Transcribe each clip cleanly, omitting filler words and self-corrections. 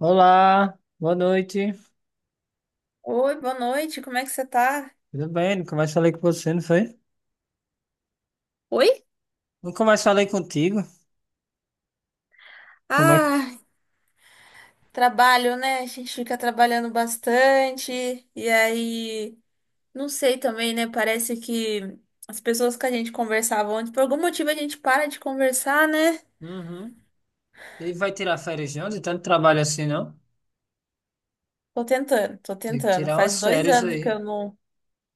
Olá, boa noite. Oi, boa noite, como é que você tá? Tudo bem? Nunca mais falei com você, não foi? Oi? Nunca mais falei contigo. Como é que. Ah, trabalho, né? A gente fica trabalhando bastante, e aí, não sei também, né? Parece que as pessoas que a gente conversava antes, por algum motivo a gente para de conversar, né? Uhum. E vai tirar férias de onde? Tanto trabalho assim, não? Tô tentando, tô Tem que tentando. tirar Faz umas dois férias anos que aí. eu não,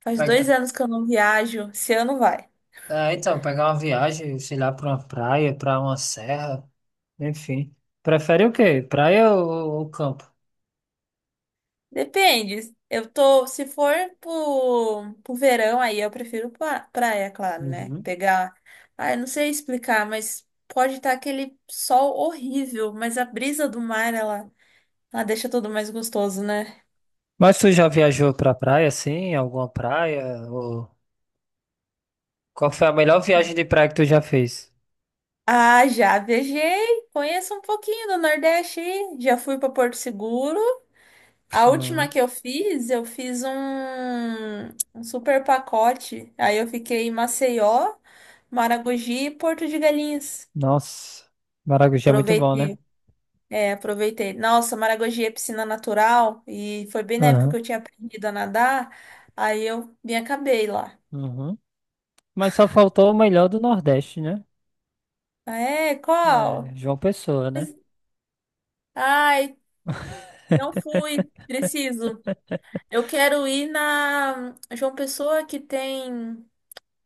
faz dois Pega. anos que eu não viajo. Esse ano vai. É, então, pegar uma viagem, sei lá, pra uma praia, pra uma serra. Enfim. Prefere o quê? Praia ou campo? Depende. Eu tô, se for pro verão, aí eu prefiro praia, claro, né? Uhum. Pegar. Ah, eu não sei explicar, mas pode estar aquele sol horrível, mas a brisa do mar, ela deixa tudo mais gostoso, né? Mas tu já viajou pra praia, assim? Alguma praia? Ou... Qual foi a melhor viagem de praia que tu já fez? Ah, já viajei. Conheço um pouquinho do Nordeste, aí. Já fui para Porto Seguro. A última Uhum. que eu fiz um super pacote. Aí eu fiquei em Maceió, Maragogi e Porto de Galinhas. Nossa, Maracujá é muito bom, né? Aproveitei. É, aproveitei. Nossa, Maragogi é piscina natural e foi bem na época Aham, que eu tinha aprendido a nadar, aí eu me acabei lá. uhum. Mas só faltou o melhor do Nordeste, né? Ah, é? É, Qual? João Pessoa, né? Mas- Ai, não fui, preciso. Eu quero ir na João Pessoa que tem.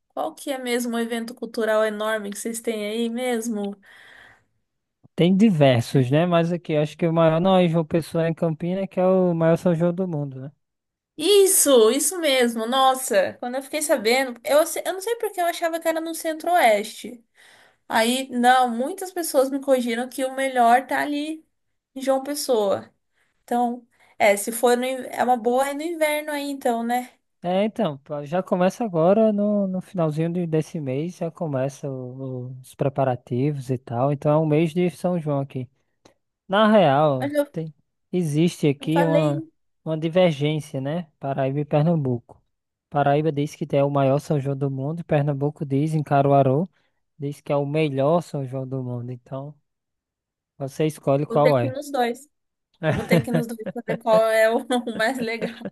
Qual que é mesmo o evento cultural enorme que vocês têm aí mesmo? Tem diversos, né? Mas aqui acho que o maior não é João Pessoa, é em Campinas, que é o maior São João do mundo, né? Isso mesmo. Nossa, quando eu fiquei sabendo, eu não sei porque eu achava que era no Centro-Oeste. Aí, não, muitas pessoas me corrigiram que o melhor tá ali em João Pessoa. Então, é, se for no, in- é uma boa é no inverno aí, então, né? É, então, pá, já começa agora no finalzinho desse mês, já começa os preparativos e tal. Então é um mês de São João aqui. Na real, Mas eu, existe eu aqui falei, uma divergência, né? Paraíba e Pernambuco. Paraíba diz que é o maior São João do mundo, e Pernambuco diz, em Caruaru, diz que é o melhor São João do mundo. Então, você escolhe vou ter qual que ir é. nos dois. Eu vou ter que ir nos dois pra ver qual é o, o mais legal.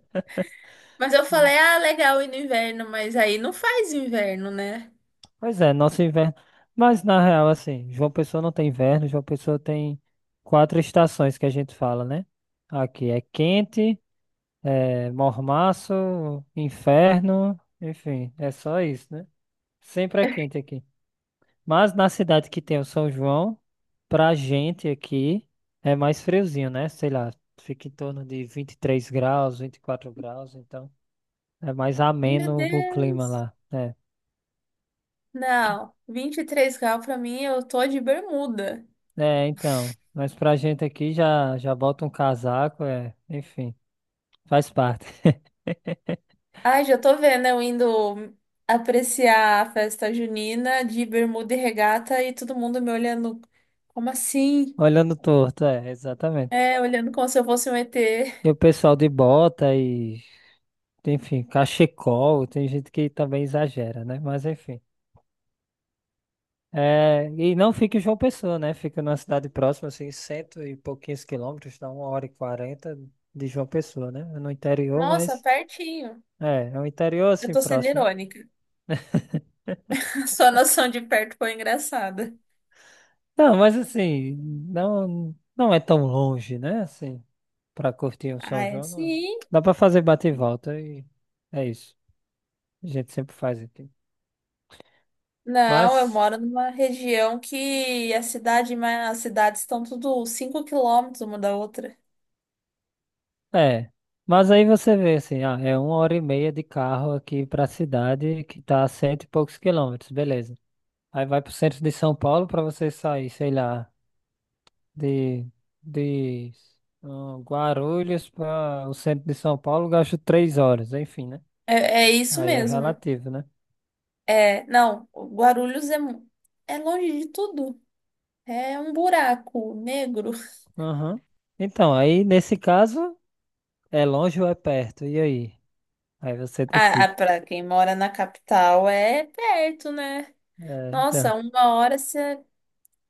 Mas eu falei, ah, legal ir no inverno, mas aí não faz inverno, né? Pois é, nosso inverno. Mas na real, assim, João Pessoa não tem inverno, João Pessoa tem quatro estações, que a gente fala, né? Aqui é quente, é mormaço, inferno, enfim, é só isso, né? Sempre é quente aqui. Mas na cidade que tem o São João, pra gente aqui é mais friozinho, né? Sei lá, fica em torno de 23 graus, 24 graus, então é mais Meu ameno o clima Deus! lá. É, Que- Não, 23 graus pra mim, eu tô de bermuda. é então. Mas pra gente aqui já bota um casaco, é, enfim, faz parte. Ai, já tô vendo eu indo apreciar a festa junina de bermuda e regata e todo mundo me olhando. Como assim? Olhando torto, é, exatamente. É, olhando como se eu fosse um ET. E o pessoal de bota e, enfim, cachecol, tem gente que também exagera, né? Mas enfim. É, e não fica em João Pessoa, né? Fica numa cidade próxima, assim, cento e pouquinhos quilômetros, dá uma hora e quarenta de João Pessoa, né? É no interior, Nossa, mas pertinho. é, é um interior Eu assim tô sendo próximo. irônica. Sua noção de perto foi engraçada. Não, mas assim, não, não é tão longe, né? Assim, pra curtir o Ah, São é João, não. sim. Dá pra fazer bate e volta e é isso. A gente sempre faz aqui. Não, eu Mas, moro numa região que a cidade, mas as cidades estão tudo 5 quilômetros uma da outra. é. Mas aí você vê assim, ah, é uma hora e meia de carro aqui pra cidade que tá a cento e poucos quilômetros, beleza. Aí vai pro centro de São Paulo pra você sair, sei lá, de, de ah, Guarulhos para o centro de São Paulo, gasto 3 horas, enfim, né? É, é isso Aí é mesmo. relativo, né? É, não, Guarulhos é longe de tudo. É um buraco negro. Aham. Então, aí nesse caso, é longe ou é perto? E aí? Aí você Ah, decide. ah, para quem mora na capital é perto, né? É, então. Nossa, uma hora você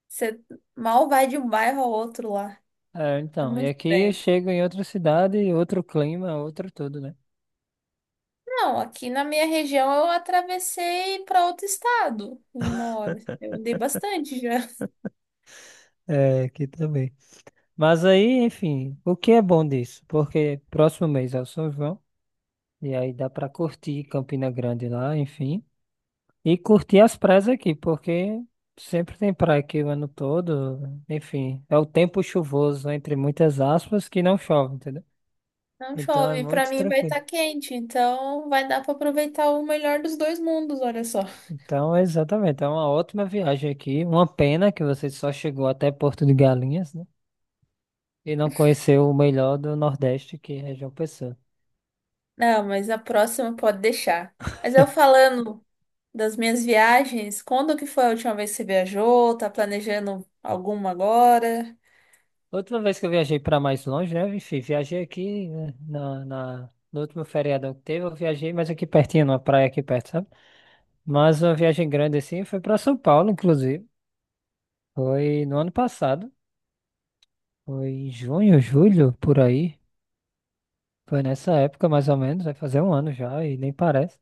você mal vai de um bairro ao outro lá. É, É então, e muito aqui eu estranho. chego em outra cidade, outro clima, outro tudo, né? Não, aqui na minha região eu atravessei para outro estado em uma hora. Eu andei bastante já. É, aqui também. Mas aí, enfim, o que é bom disso? Porque próximo mês é o São João. E aí dá pra curtir Campina Grande lá, enfim. E curtir as praias aqui, porque sempre tem praia aqui o ano todo. Enfim, é o tempo chuvoso, entre muitas aspas, que não chove, entendeu? Não Então é chove, para muito mim vai tranquilo. estar quente, então vai dar para aproveitar o melhor dos dois mundos, olha só. Então, exatamente, é uma ótima viagem aqui. Uma pena que você só chegou até Porto de Galinhas, né? E não conheceu o melhor do Nordeste, que é João Pessoa. Não, mas a próxima pode deixar. Mas eu falando das minhas viagens, quando que foi a última vez que você viajou? Tá planejando alguma agora? Outra vez que eu viajei para mais longe, né? Enfim, viajei aqui, né, no último feriadão que teve, eu viajei mais aqui pertinho, numa praia aqui perto, sabe? Mas uma viagem grande assim foi para São Paulo, inclusive. Foi no ano passado, foi em junho, julho, por aí. Foi nessa época, mais ou menos, vai fazer um ano já e nem parece.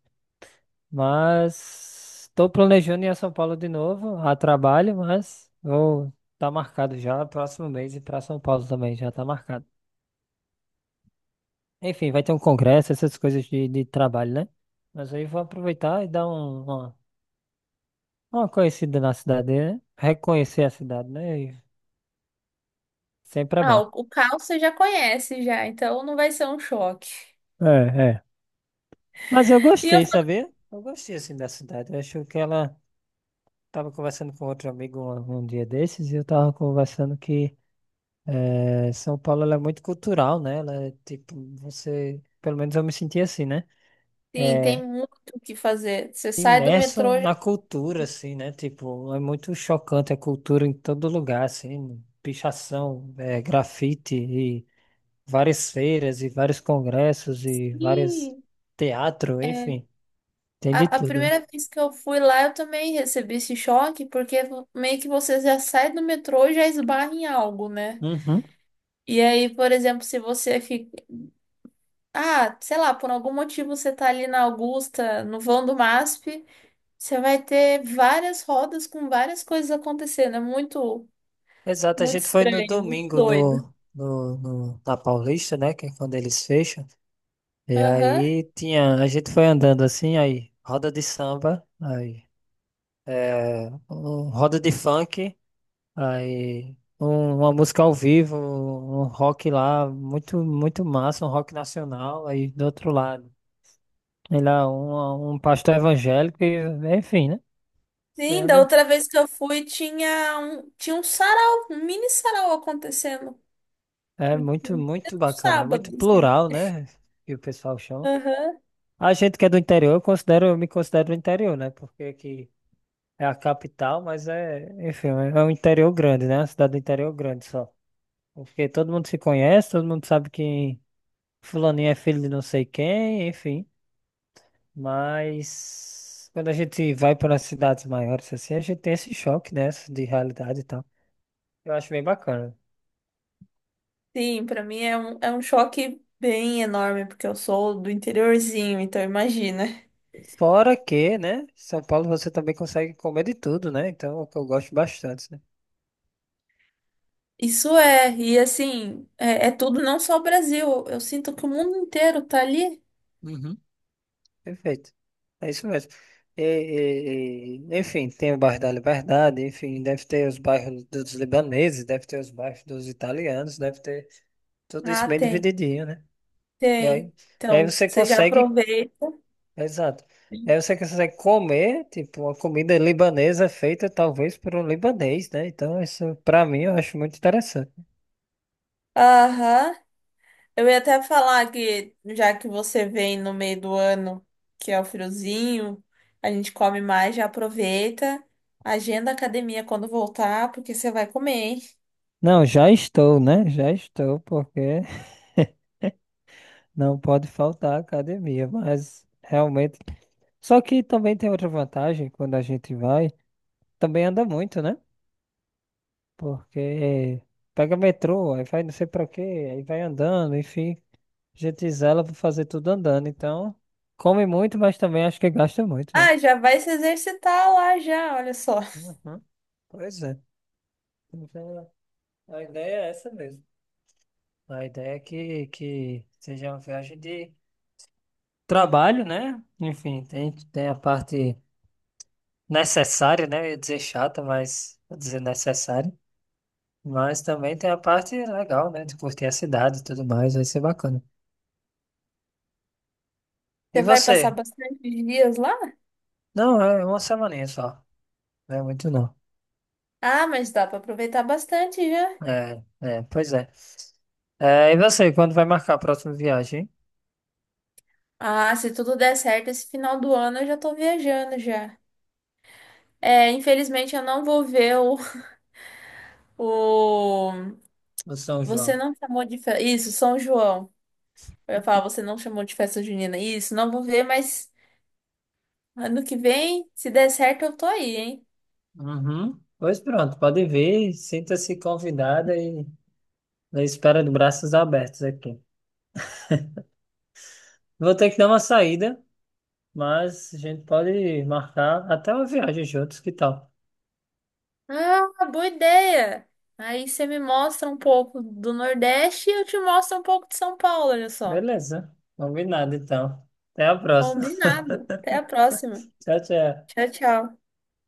Mas estou planejando ir a São Paulo de novo, a trabalho, mas vou tá marcado já, próximo mês, e para São Paulo também já tá marcado. Enfim, vai ter um congresso, essas coisas de trabalho, né? Mas aí vou aproveitar e dar uma conhecida na cidade, né? Reconhecer a cidade, né? E sempre é Ah, bom. o caos você já conhece já, então não vai ser um choque. É, é. Mas eu E eu gostei, falo sabia? Eu gostei, assim, da cidade. Eu acho que ela... Tava conversando com outro amigo um dia desses e eu tava conversando que São Paulo ela é muito cultural, né? Ela é tipo, você... Pelo menos eu me senti assim, né? assim, Eh, tem muito o que fazer. Você sai do imerso metrô já. na cultura, assim, né? Tipo, é muito chocante a cultura em todo lugar, assim, pichação, é, grafite e várias feiras e vários congressos e vários Ih, teatro, é. enfim, tem de A tudo, né? primeira vez que eu fui lá, eu também recebi esse choque, porque meio que você já sai do metrô e já esbarra em algo, né? Uhum. E aí, por exemplo, se você fica. Ah, sei lá, por algum motivo você tá ali na Augusta, no vão do MASP. Você vai ter várias rodas com várias coisas acontecendo. É muito, Exato, a muito gente foi no estranho, muito domingo doido. na Paulista, né? Que é quando eles fecham. E Aham. aí tinha, a gente foi andando assim, aí roda de samba, aí é, roda de funk. Aí, uma música ao vivo, um rock lá, muito, muito massa, um rock nacional. Aí do outro lado, sei lá, um pastor evangélico, e, enfim, né? Sim, da Sendo, outra vez que eu fui, tinha um sarau, um mini sarau acontecendo. é Um muito, um muito bacana, é muito sábado, assim. plural, né? Que o pessoal chama. Aham. A gente que é do interior, eu considero, eu me considero do interior, né? Porque aqui é a capital, mas é, enfim, é um interior grande, né? Uma cidade do interior grande só. Porque todo mundo se conhece, todo mundo sabe que fulaninho é filho de não sei quem, enfim. Mas quando a gente vai para cidades maiores assim, a gente tem esse choque, né, de realidade e tal. Eu acho bem bacana. Sim, pra mim é um choque bem enorme, porque eu sou do interiorzinho, então imagina. Fora que, né, São Paulo você também consegue comer de tudo, né? Então, é o que eu gosto bastante, né? Isso é, e assim, é tudo não só o Brasil. Eu sinto que o mundo inteiro tá ali. Uhum. Perfeito. É isso mesmo. E, enfim, tem o bairro da Liberdade, enfim, deve ter os bairros dos libaneses, deve ter os bairros dos italianos, deve ter tudo isso Ah, bem tem. divididinho, né? E aí, Tem. e aí Então, você você já consegue aproveita. exato. Aí você consegue comer, tipo, uma comida libanesa feita talvez por um libanês, né? Então, isso pra mim eu acho muito interessante. Aham. Eu ia até falar que, já que você vem no meio do ano, que é o friozinho, a gente come mais, já aproveita. Agenda a academia quando voltar, porque você vai comer, hein? Não, já estou, né? Já estou, porque não pode faltar a academia, mas realmente. Só que também tem outra vantagem: quando a gente vai, também anda muito, né? Porque pega metrô, aí vai não sei pra quê, aí vai andando, enfim, a gente zela pra fazer tudo andando. Então, come muito, mas também acho que gasta muito, né? Ah, já vai se exercitar lá já, olha só. Uhum. Pois é. Então, a ideia é essa mesmo. A ideia é que seja uma viagem de trabalho, né? Enfim, tem, tem a parte necessária, né? Eu ia dizer chata, mas vou dizer necessária. Mas também tem a parte legal, né? De curtir a cidade e tudo mais, vai ser bacana. E Você vai passar você? bastante dias lá? Não, é uma semaninha só. Não é muito, não. Ah, mas dá pra aproveitar bastante já. É, é, pois é. É, e você, quando vai marcar a próxima viagem, hein? Ah, se tudo der certo, esse final do ano eu já tô viajando já. É, infelizmente eu não vou ver o, o Do São Você João. não chamou de festa. Isso, São João. Eu ia falar, você não chamou de festa junina. Isso, não vou ver, mas ano que vem, se der certo, eu tô aí, hein? Uhum. Pois pronto, pode vir, sinta-se convidada e na espera de braços abertos aqui. Vou ter que dar uma saída, mas a gente pode marcar até uma viagem juntos, que tal? Ah, boa ideia! Aí você me mostra um pouco do Nordeste e eu te mostro um pouco de São Paulo, olha só. Beleza, combinado então. Até a próxima. Combinado. Até a próxima. Tchau, tchau. Tchau, tchau.